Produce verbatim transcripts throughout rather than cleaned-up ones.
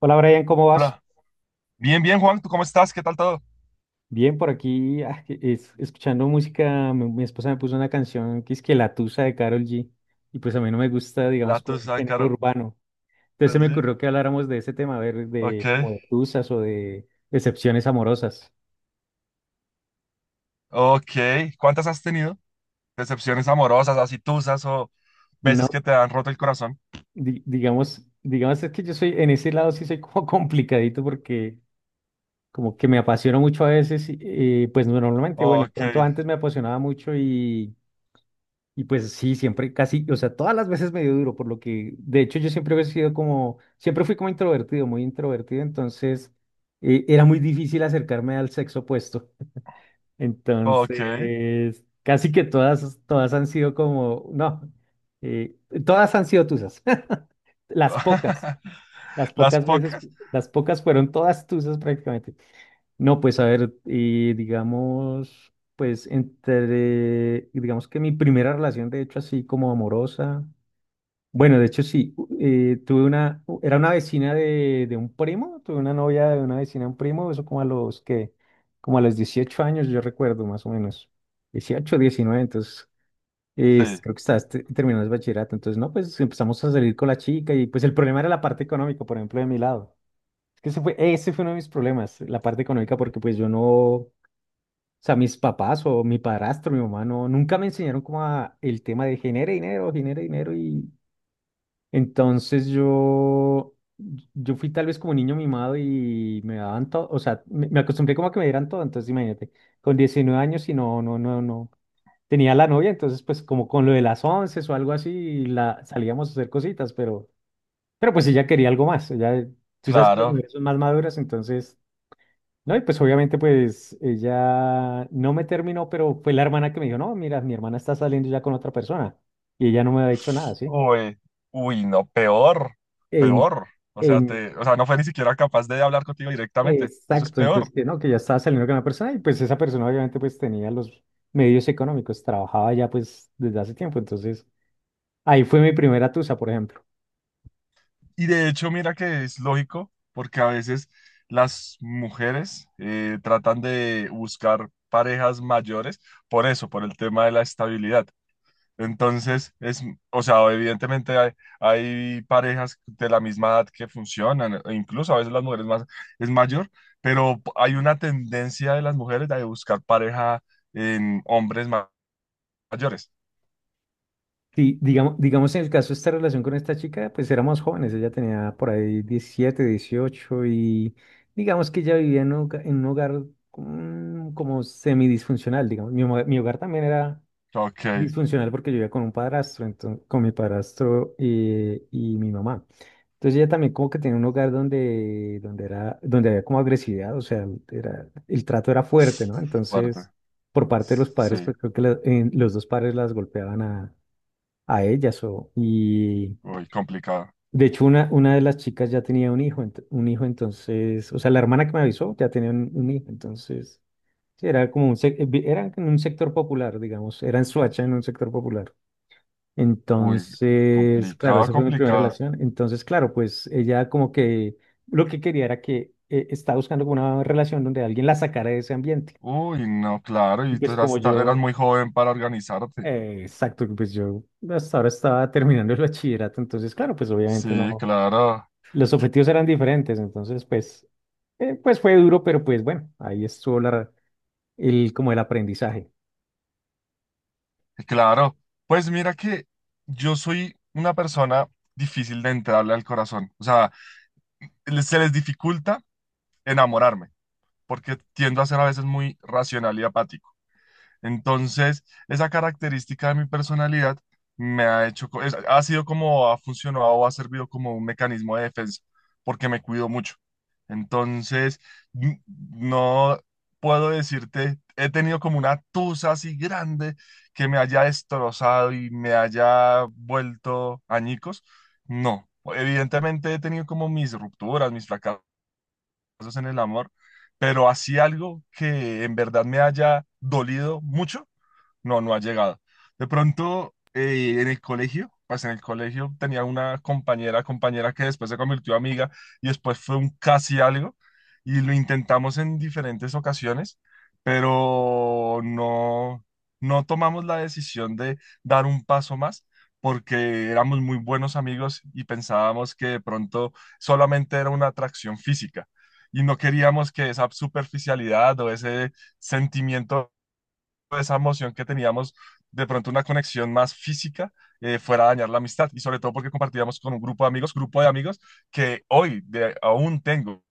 Hola Brian, ¿cómo vas? Hola. Bien, bien, Juan, ¿tú cómo estás? ¿Qué tal todo? Bien, por aquí ah, que- es- escuchando música, mi, mi esposa me puso una canción que es que La Tusa de Karol G, y pues a mí no me gusta, La digamos, como el tusa de género Karol urbano. Entonces se me G. ocurrió que habláramos de ese tema, a ver, Ok, de como de tusas o de decepciones amorosas. ok. ¿Cuántas has tenido? Decepciones amorosas, así tusas o veces que No, te han roto el corazón. di- digamos, digamos es que yo soy, en ese lado sí soy como complicadito, porque como que me apasiono mucho a veces, y, eh, pues no, normalmente, bueno, de Ok, pronto antes me apasionaba mucho. Y pues sí, siempre casi, o sea, todas las veces me dio duro, por lo que, de hecho, yo siempre he sido como, siempre fui como introvertido, muy introvertido. Entonces eh, era muy difícil acercarme al sexo opuesto. ok. Entonces, casi que todas, todas han sido como no, eh, todas han sido tusas. las pocas, las ¿Las pocas veces, pocas? las pocas fueron todas tusas prácticamente. No, pues a ver, eh, digamos, pues entre, digamos que mi primera relación, de hecho, así como amorosa. Bueno, de hecho sí, u- eh, tuve una, u- era una vecina de, de un primo, tuve una novia de una vecina de un primo, eso como a los que, como a los dieciocho años, yo recuerdo más o menos, dieciocho, diecinueve. Entonces eh, Sí, creo que estabas te- terminando el bachillerato. Entonces no, pues empezamos a salir con la chica, y pues el problema era la parte económica, por ejemplo, de mi lado. Es que ese fue, ese fue uno de mis problemas, la parte económica, porque pues yo no, o sea, mis papás o mi padrastro, mi mamá, no, nunca me enseñaron como a el tema de genere dinero, genere dinero. Entonces yo, yo fui tal vez como niño mimado y me daban todo, o sea, me, me acostumbré como a que me dieran todo. Entonces imagínate, con diecinueve años y no, no, no, no, tenía la novia. Entonces pues como con lo de las once o algo así, la, salíamos a hacer cositas, pero, pero pues ella quería algo más, ella, tú sabes que las claro. mujeres son más maduras. Entonces no, y pues obviamente pues ella no me terminó, pero fue la hermana que me dijo, no, mira, mi hermana está saliendo ya con otra persona, y ella no me había dicho nada, ¿sí? Uy, uy, no, peor, peor. O sea, En, te, o sea, no fue ni siquiera capaz de hablar contigo directamente. Eso es Exacto, entonces, peor. que, ¿no? Que ya estaba saliendo con una persona, y pues esa persona obviamente pues tenía los medios económicos, trabajaba ya pues desde hace tiempo. Entonces ahí fue mi primera tusa, por ejemplo. Y de hecho, mira que es lógico, porque a veces las mujeres eh, tratan de buscar parejas mayores por eso, por el tema de la estabilidad. Entonces, es, o sea, evidentemente hay, hay parejas de la misma edad que funcionan, e incluso a veces las mujeres más es mayor, pero hay una tendencia de las mujeres de buscar pareja en hombres ma- mayores. Sí, digamos, digamos en el caso de esta relación con esta chica, pues éramos jóvenes, ella tenía por ahí diecisiete dieciocho, y digamos que ella vivía en un, hoga- en un hogar mm, como semidisfuncional, digamos. Mi, hogar- mi hogar también era Ok, disfuncional, porque yo vivía con un padrastro, entonces, con mi padrastro eh, y mi mamá. Entonces ella también como que tenía un hogar donde, donde era, donde había como agresividad, o sea, era, el trato era fuerte, ¿no? Entonces, fuerte. por parte de los padres, Sí, pues creo que la- en- los dos padres las golpeaban a a ellas. O, y muy complicado. de hecho, una, una de las chicas ya tenía un hijo, ent- un hijo. Entonces, o sea, la hermana que me avisó ya tenía un, un hijo. Entonces sí, era como un, sec- eh, vi- era en un sector popular, digamos, era en Soacha, en un sector popular. Uy, Entonces claro, complicado, esa fue mi primera complicado. relación. Entonces claro, pues ella como que lo que quería era que eh, estaba buscando como una relación donde alguien la sacara de ese ambiente. Uy, no, claro, Y y tú pues como eras, ta- eras yo, muy joven para organizarte. eh, exacto, pues yo hasta ahora estaba terminando el bachillerato. Entonces claro, pues obviamente Sí, no. claro, Los objetivos eran diferentes, entonces pues, eh, pues fue duro, pero pues bueno, ahí estuvo la, el, como el aprendizaje. claro. Pues mira que yo soy una persona difícil de entrarle al corazón. O sea, le- se les dificulta enamorarme, porque tiendo a ser a veces muy racional y apático. Entonces, esa característica de mi personalidad me ha hecho, co- es- ha sido como ha funcionado o ha servido como un mecanismo de defensa, porque me cuido mucho. Entonces, n- no puedo decirte, he tenido como una tusa así grande que me haya destrozado y me haya vuelto añicos. No, evidentemente he tenido como mis rupturas, mis fracasos en el amor, pero así algo que en verdad me haya dolido mucho no, no ha llegado. De pronto, eh, en el colegio, pues en el colegio tenía una compañera, compañera que después se convirtió amiga y después fue un casi algo y lo intentamos en diferentes ocasiones, pero no, no tomamos la decisión de dar un paso más porque éramos muy buenos amigos y pensábamos que de pronto solamente era una atracción física. Y no queríamos que esa superficialidad o ese sentimiento esa emoción que teníamos, de pronto una conexión más física, eh, fuera a dañar la amistad. Y sobre todo porque compartíamos con un grupo de amigos, grupo de amigos que hoy de- aún tengo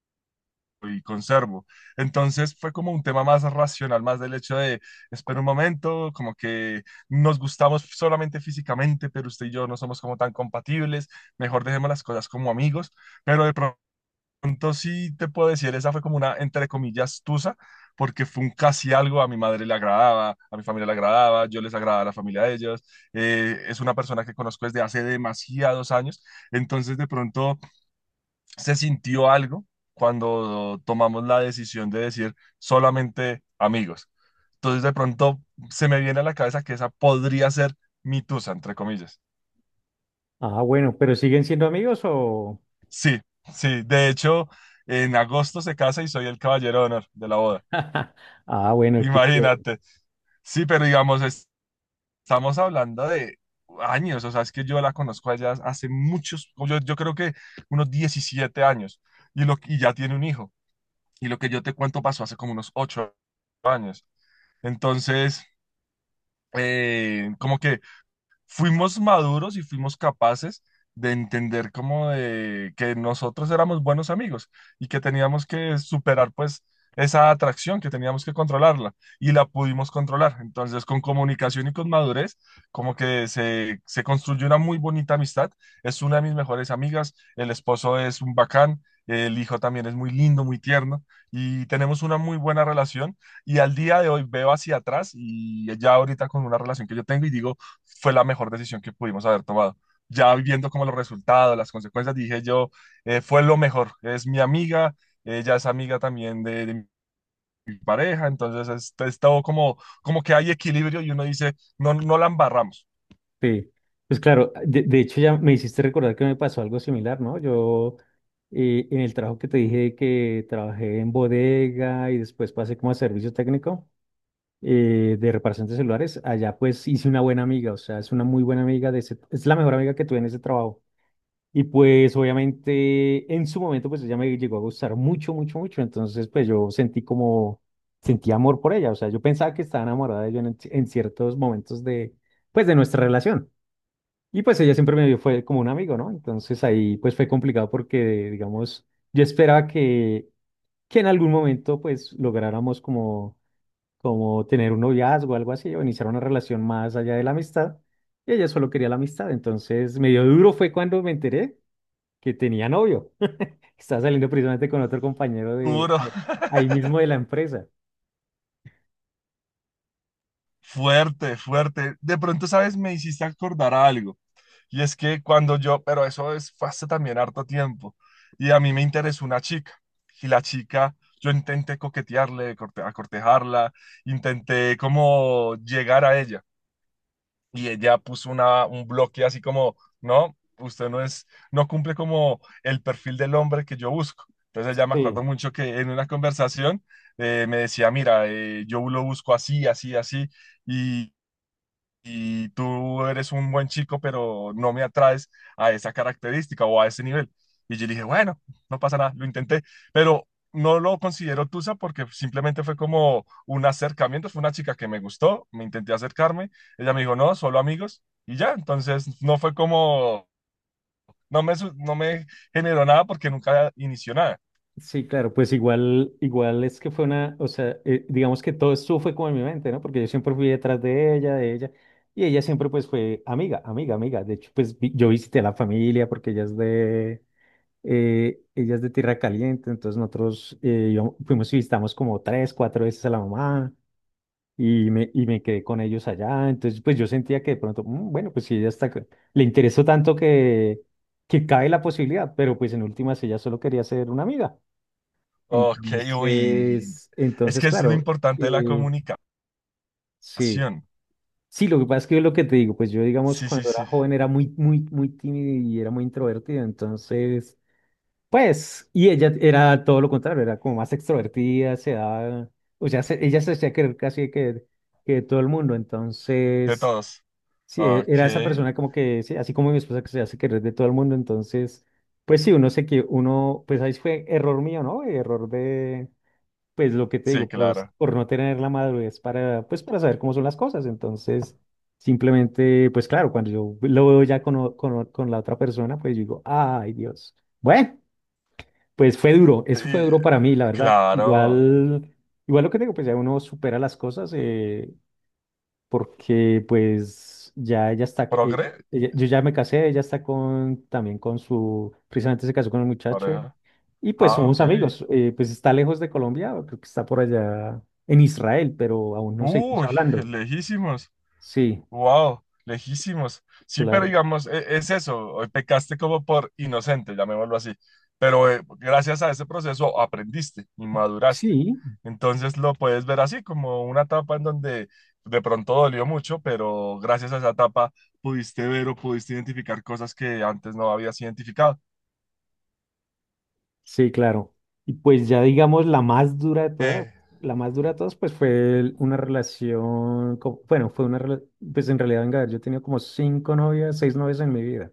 y conservo. Entonces fue como un tema más racional, más del hecho de, espera un momento, como que nos gustamos solamente físicamente, pero usted y yo no somos como tan compatibles, mejor dejemos las cosas como amigos, pero de pronto pronto sí te puedo decir, esa fue como una, entre comillas, tusa, porque fue un casi algo, a mi madre le agradaba, a mi familia le agradaba, yo les agradaba a la familia de ellos, eh, es una persona que conozco desde hace demasiados años, entonces de pronto se sintió algo cuando tomamos la decisión de decir solamente amigos. Entonces de pronto se me viene a la cabeza que esa podría ser mi tusa, entre comillas. Ah, bueno, pero ¿siguen siendo amigos o...? Sí, sí, de hecho, en agosto se casa y soy el caballero de honor de la boda. Ah, bueno, qué chévere. Imagínate. Sí, pero digamos, es- estamos hablando de años, o sea, es que yo la conozco a ella hace muchos, yo, yo creo que unos diecisiete años, y, lo, y ya tiene un hijo, y lo que yo te cuento pasó hace como unos ocho años. Entonces, eh, como que fuimos maduros y fuimos capaces de entender como de que nosotros éramos buenos amigos y que teníamos que superar pues esa atracción, que teníamos que controlarla y la pudimos controlar. Entonces con comunicación y con madurez como que se, se construyó una muy bonita amistad. Es una de mis mejores amigas, el esposo es un bacán. El hijo también es muy lindo, muy tierno y tenemos una muy buena relación. Y al día de hoy veo hacia atrás y ya ahorita con una relación que yo tengo y digo, fue la mejor decisión que pudimos haber tomado. Ya viendo como los resultados, las consecuencias, dije yo, eh, fue lo mejor. Es mi amiga, ella es amiga también de, de mi pareja, entonces es, es todo como, como que hay equilibrio y uno dice, no, no la embarramos. Sí. Pues claro, de, de hecho ya me hiciste recordar que me pasó algo similar, ¿no? Yo eh, en el trabajo que te dije que trabajé en bodega, y después pasé como a servicio técnico eh, de reparación de celulares, allá pues hice una buena amiga, o sea, es una muy buena amiga, de ese- es la mejor amiga que tuve en ese trabajo. Y pues obviamente en su momento pues ella me llegó a gustar mucho, mucho, mucho. Entonces pues yo sentí como, sentí amor por ella. O sea, yo pensaba que estaba enamorada de ella en, en ciertos momentos de, pues de nuestra relación. Y pues ella siempre me vio, fue como un amigo, ¿no? Entonces ahí pues fue complicado porque, digamos, yo esperaba que, que en algún momento pues lográramos como, como tener un noviazgo o algo así, o iniciar una relación más allá de la amistad. Y ella solo quería la amistad. Entonces medio duro fue cuando me enteré que tenía novio. Estaba saliendo precisamente con otro compañero de Duro, ahí, ahí mismo de la empresa. fuerte, fuerte. De pronto, ¿sabes? Me hiciste acordar a algo. Y es que cuando yo, pero eso es, fue hace también harto tiempo, y a mí me interesó una chica, y la chica, yo intenté coquetearle, corte- a cortejarla, intenté como llegar a ella, y ella puso una, un bloque así como, no, usted no es, no cumple como el perfil del hombre que yo busco. Entonces ella me Sí, acuerdo mucho que en una conversación eh, me decía, mira, eh, yo lo busco así, así, así, y tú eres un buen chico, pero no me atraes a esa característica o a ese nivel. Y yo dije, bueno, no pasa nada, lo intenté, pero no lo considero tusa porque simplemente fue como un acercamiento, fue una chica que me gustó, me intenté acercarme, ella me dijo, no, solo amigos, y ya, entonces no fue como, no me, su- no me generó nada porque nunca inició nada. sí, claro, pues igual, igual es que fue una, o sea, eh, digamos que todo esto fue como en mi mente, ¿no? Porque yo siempre fui detrás de ella, de ella, y ella siempre pues fue amiga, amiga, amiga. De hecho, pues vi- yo visité a la familia, porque ella es de, eh, ella es de Tierra Caliente. Entonces nosotros eh, íbamos- fuimos y visitamos como tres, cuatro veces a la mamá, y me, y me quedé con ellos allá. Entonces pues yo sentía que de pronto, "Mm, bueno, pues si ella está, c- le interesó tanto que, que cabe la posibilidad", pero pues en últimas ella solo quería ser una amiga. Ok, uy, Entonces, es entonces, que es lo claro, importante de la eh, comunicación. sí. Sí, lo que pasa es que yo lo que te digo, pues yo, digamos, Sí, sí, cuando era sí, joven era muy, muy, muy tímido, y era muy introvertido. Entonces pues, y ella era todo lo contrario, era como más extrovertida, se daba, o sea, se- ella se hacía querer casi que, que todo el mundo. de Entonces todos. sí, e- Ok. era esa persona como que, sí, así como mi esposa, que se hace querer de todo el mundo. Entonces, pues sí, uno se que uno, pues ahí fue error mío, ¿no? Error de, pues lo que te Sí, digo, por, claro. por no tener la madurez para, pues para saber cómo son las cosas. Entonces simplemente, pues claro, cuando yo lo veo ya con, o- con, o- con la otra persona, pues yo digo, ay, Dios, bueno, pues fue duro, Y, eso fue duro eh, para mí, la verdad. claro. Igual, igual lo que te digo, pues ya uno supera las cosas. Eh, porque pues ya ella está, ca- ella- Progre, ella- yo ya me casé, ella está con, también con su, precisamente se casó con un muchacho, pareja. y pues Ah, ok. somos amigos. Eh, pues está lejos de Colombia, creo que está por allá en Israel, pero aún no seguimos Uy, hablando. lejísimos. Sí, Wow, lejísimos. Sí, pero claro, digamos, e- es eso. Hoy pecaste como por inocente, llamémoslo así. Pero eh, gracias a ese proceso aprendiste y maduraste. sí, Entonces lo puedes ver así, como una etapa en donde de pronto dolió mucho, pero gracias a esa etapa pudiste ver o pudiste identificar cosas que antes no habías identificado. sí, claro. Y pues ya digamos la más dura de todas, Eh, la más dura de todas, pues fue el- una relación, co- bueno, fue una, rela- pues en realidad, venga, a ver, yo he tenido como cinco novias, seis novias en mi vida.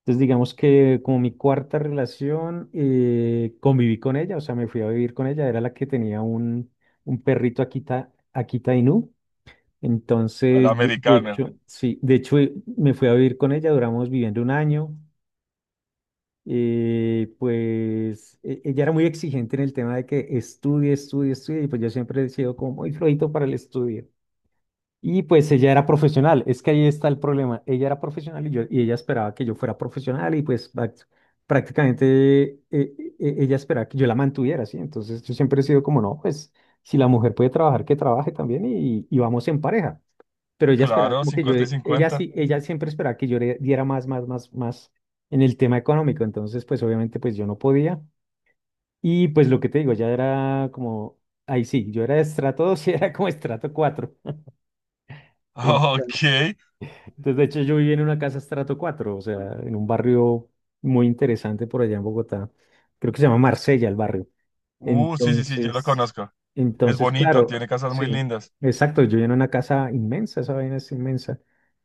Entonces, digamos que como mi cuarta relación, eh, conviví con ella, o sea, me fui a vivir con ella. Era la que tenía un, un perrito Akita, Akita Inu. a la Entonces, de, de americana. hecho sí, de hecho eh, me fui a vivir con ella, duramos viviendo un año. Eh, pues e- ella era muy exigente en el tema de que estudie, estudie, estudie, y pues yo siempre he sido como muy flojito para el estudio. Y pues ella era profesional, es que ahí está el problema. Ella era profesional, y, yo, y ella esperaba que yo fuera profesional, y pues prac- prácticamente eh, eh, eh, ella esperaba que yo la mantuviera, ¿sí? Entonces yo siempre he sido como no, pues si la mujer puede trabajar, que trabaje también, y, y vamos en pareja. Pero ella esperaba Claro, como que yo, cincuenta y ella cincuenta. sí, ella siempre esperaba que yo le diera más, más, más, más en el tema económico. Entonces pues obviamente pues yo no podía. Y pues lo que te digo, ya era como, ahí sí, yo era de estrato dos y era como estrato cuatro. Ok. Entonces, de hecho, yo viví en una casa estrato cuatro, o sea, en un barrio muy interesante por allá en Bogotá. Creo que se llama Marsella el barrio. Uh, sí, sí, sí, yo lo Entonces, conozco. Es entonces, bonito, claro, tiene casas sí, muy lindas. exacto. Yo vivía en una casa inmensa, esa vaina es inmensa.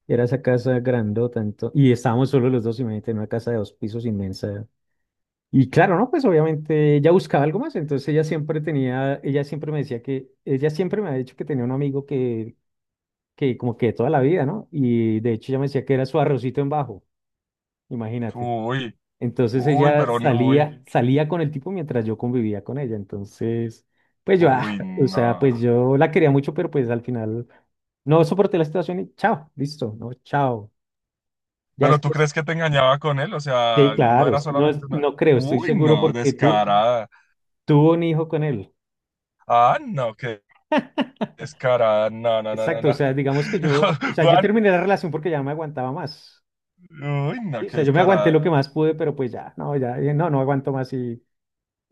Era esa casa grandota, ento- y estábamos solo los dos, imagínate, en una casa de dos pisos inmensa. Y claro, no, pues obviamente ella buscaba algo más, entonces ella siempre tenía, ella siempre me decía que, ella siempre me ha dicho que tenía un amigo que que como que toda la vida, ¿no? Y de hecho ella me decía que era su arrocito en bajo, imagínate. Uy, Entonces uy, ella pero, n- uy, salía, salía con el tipo mientras yo convivía con ella. Entonces pues yo, ah, uy, o no. sea, pues yo la quería mucho, pero pues al final no soporté la situación, y chao, listo, no, chao. Ya Pero tú después, crees que te engañaba con él, o sí, sea, no claro, era no, solamente una... no creo, estoy Uy, seguro no, porque tú descarada. tuvo un hijo con él. Ah, no, qué descarada. No, no, no, no, Exacto, o no. sea, digamos que yo, o sea, yo Juan, terminé la relación porque ya no me aguantaba más. uy, no, Sí, o qué sea, yo me aguanté descarada. lo que más pude, pero pues ya, no, ya, eh, no, no aguanto más. Y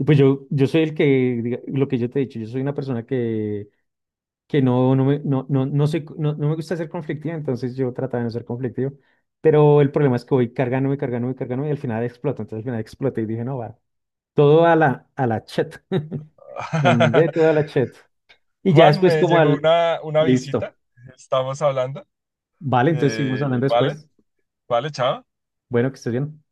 pues yo, yo soy el que, diga- lo que yo te he dicho, yo soy una persona que, que no, no me, no, no, no soy, no, no me gusta ser conflictiva. Entonces yo trataba de no ser conflictivo, pero el problema es que voy cargándome, cargándome, cargándome, y al final exploto. Entonces al final exploté y dije, no, va, todo a la, a la chat. Mandé todo a la chat. Y ya Juan, después me como llegó al, una, una listo, visita, estamos hablando. vale, entonces seguimos Eh, hablando vale, después. vale, chao. Bueno, que estés bien.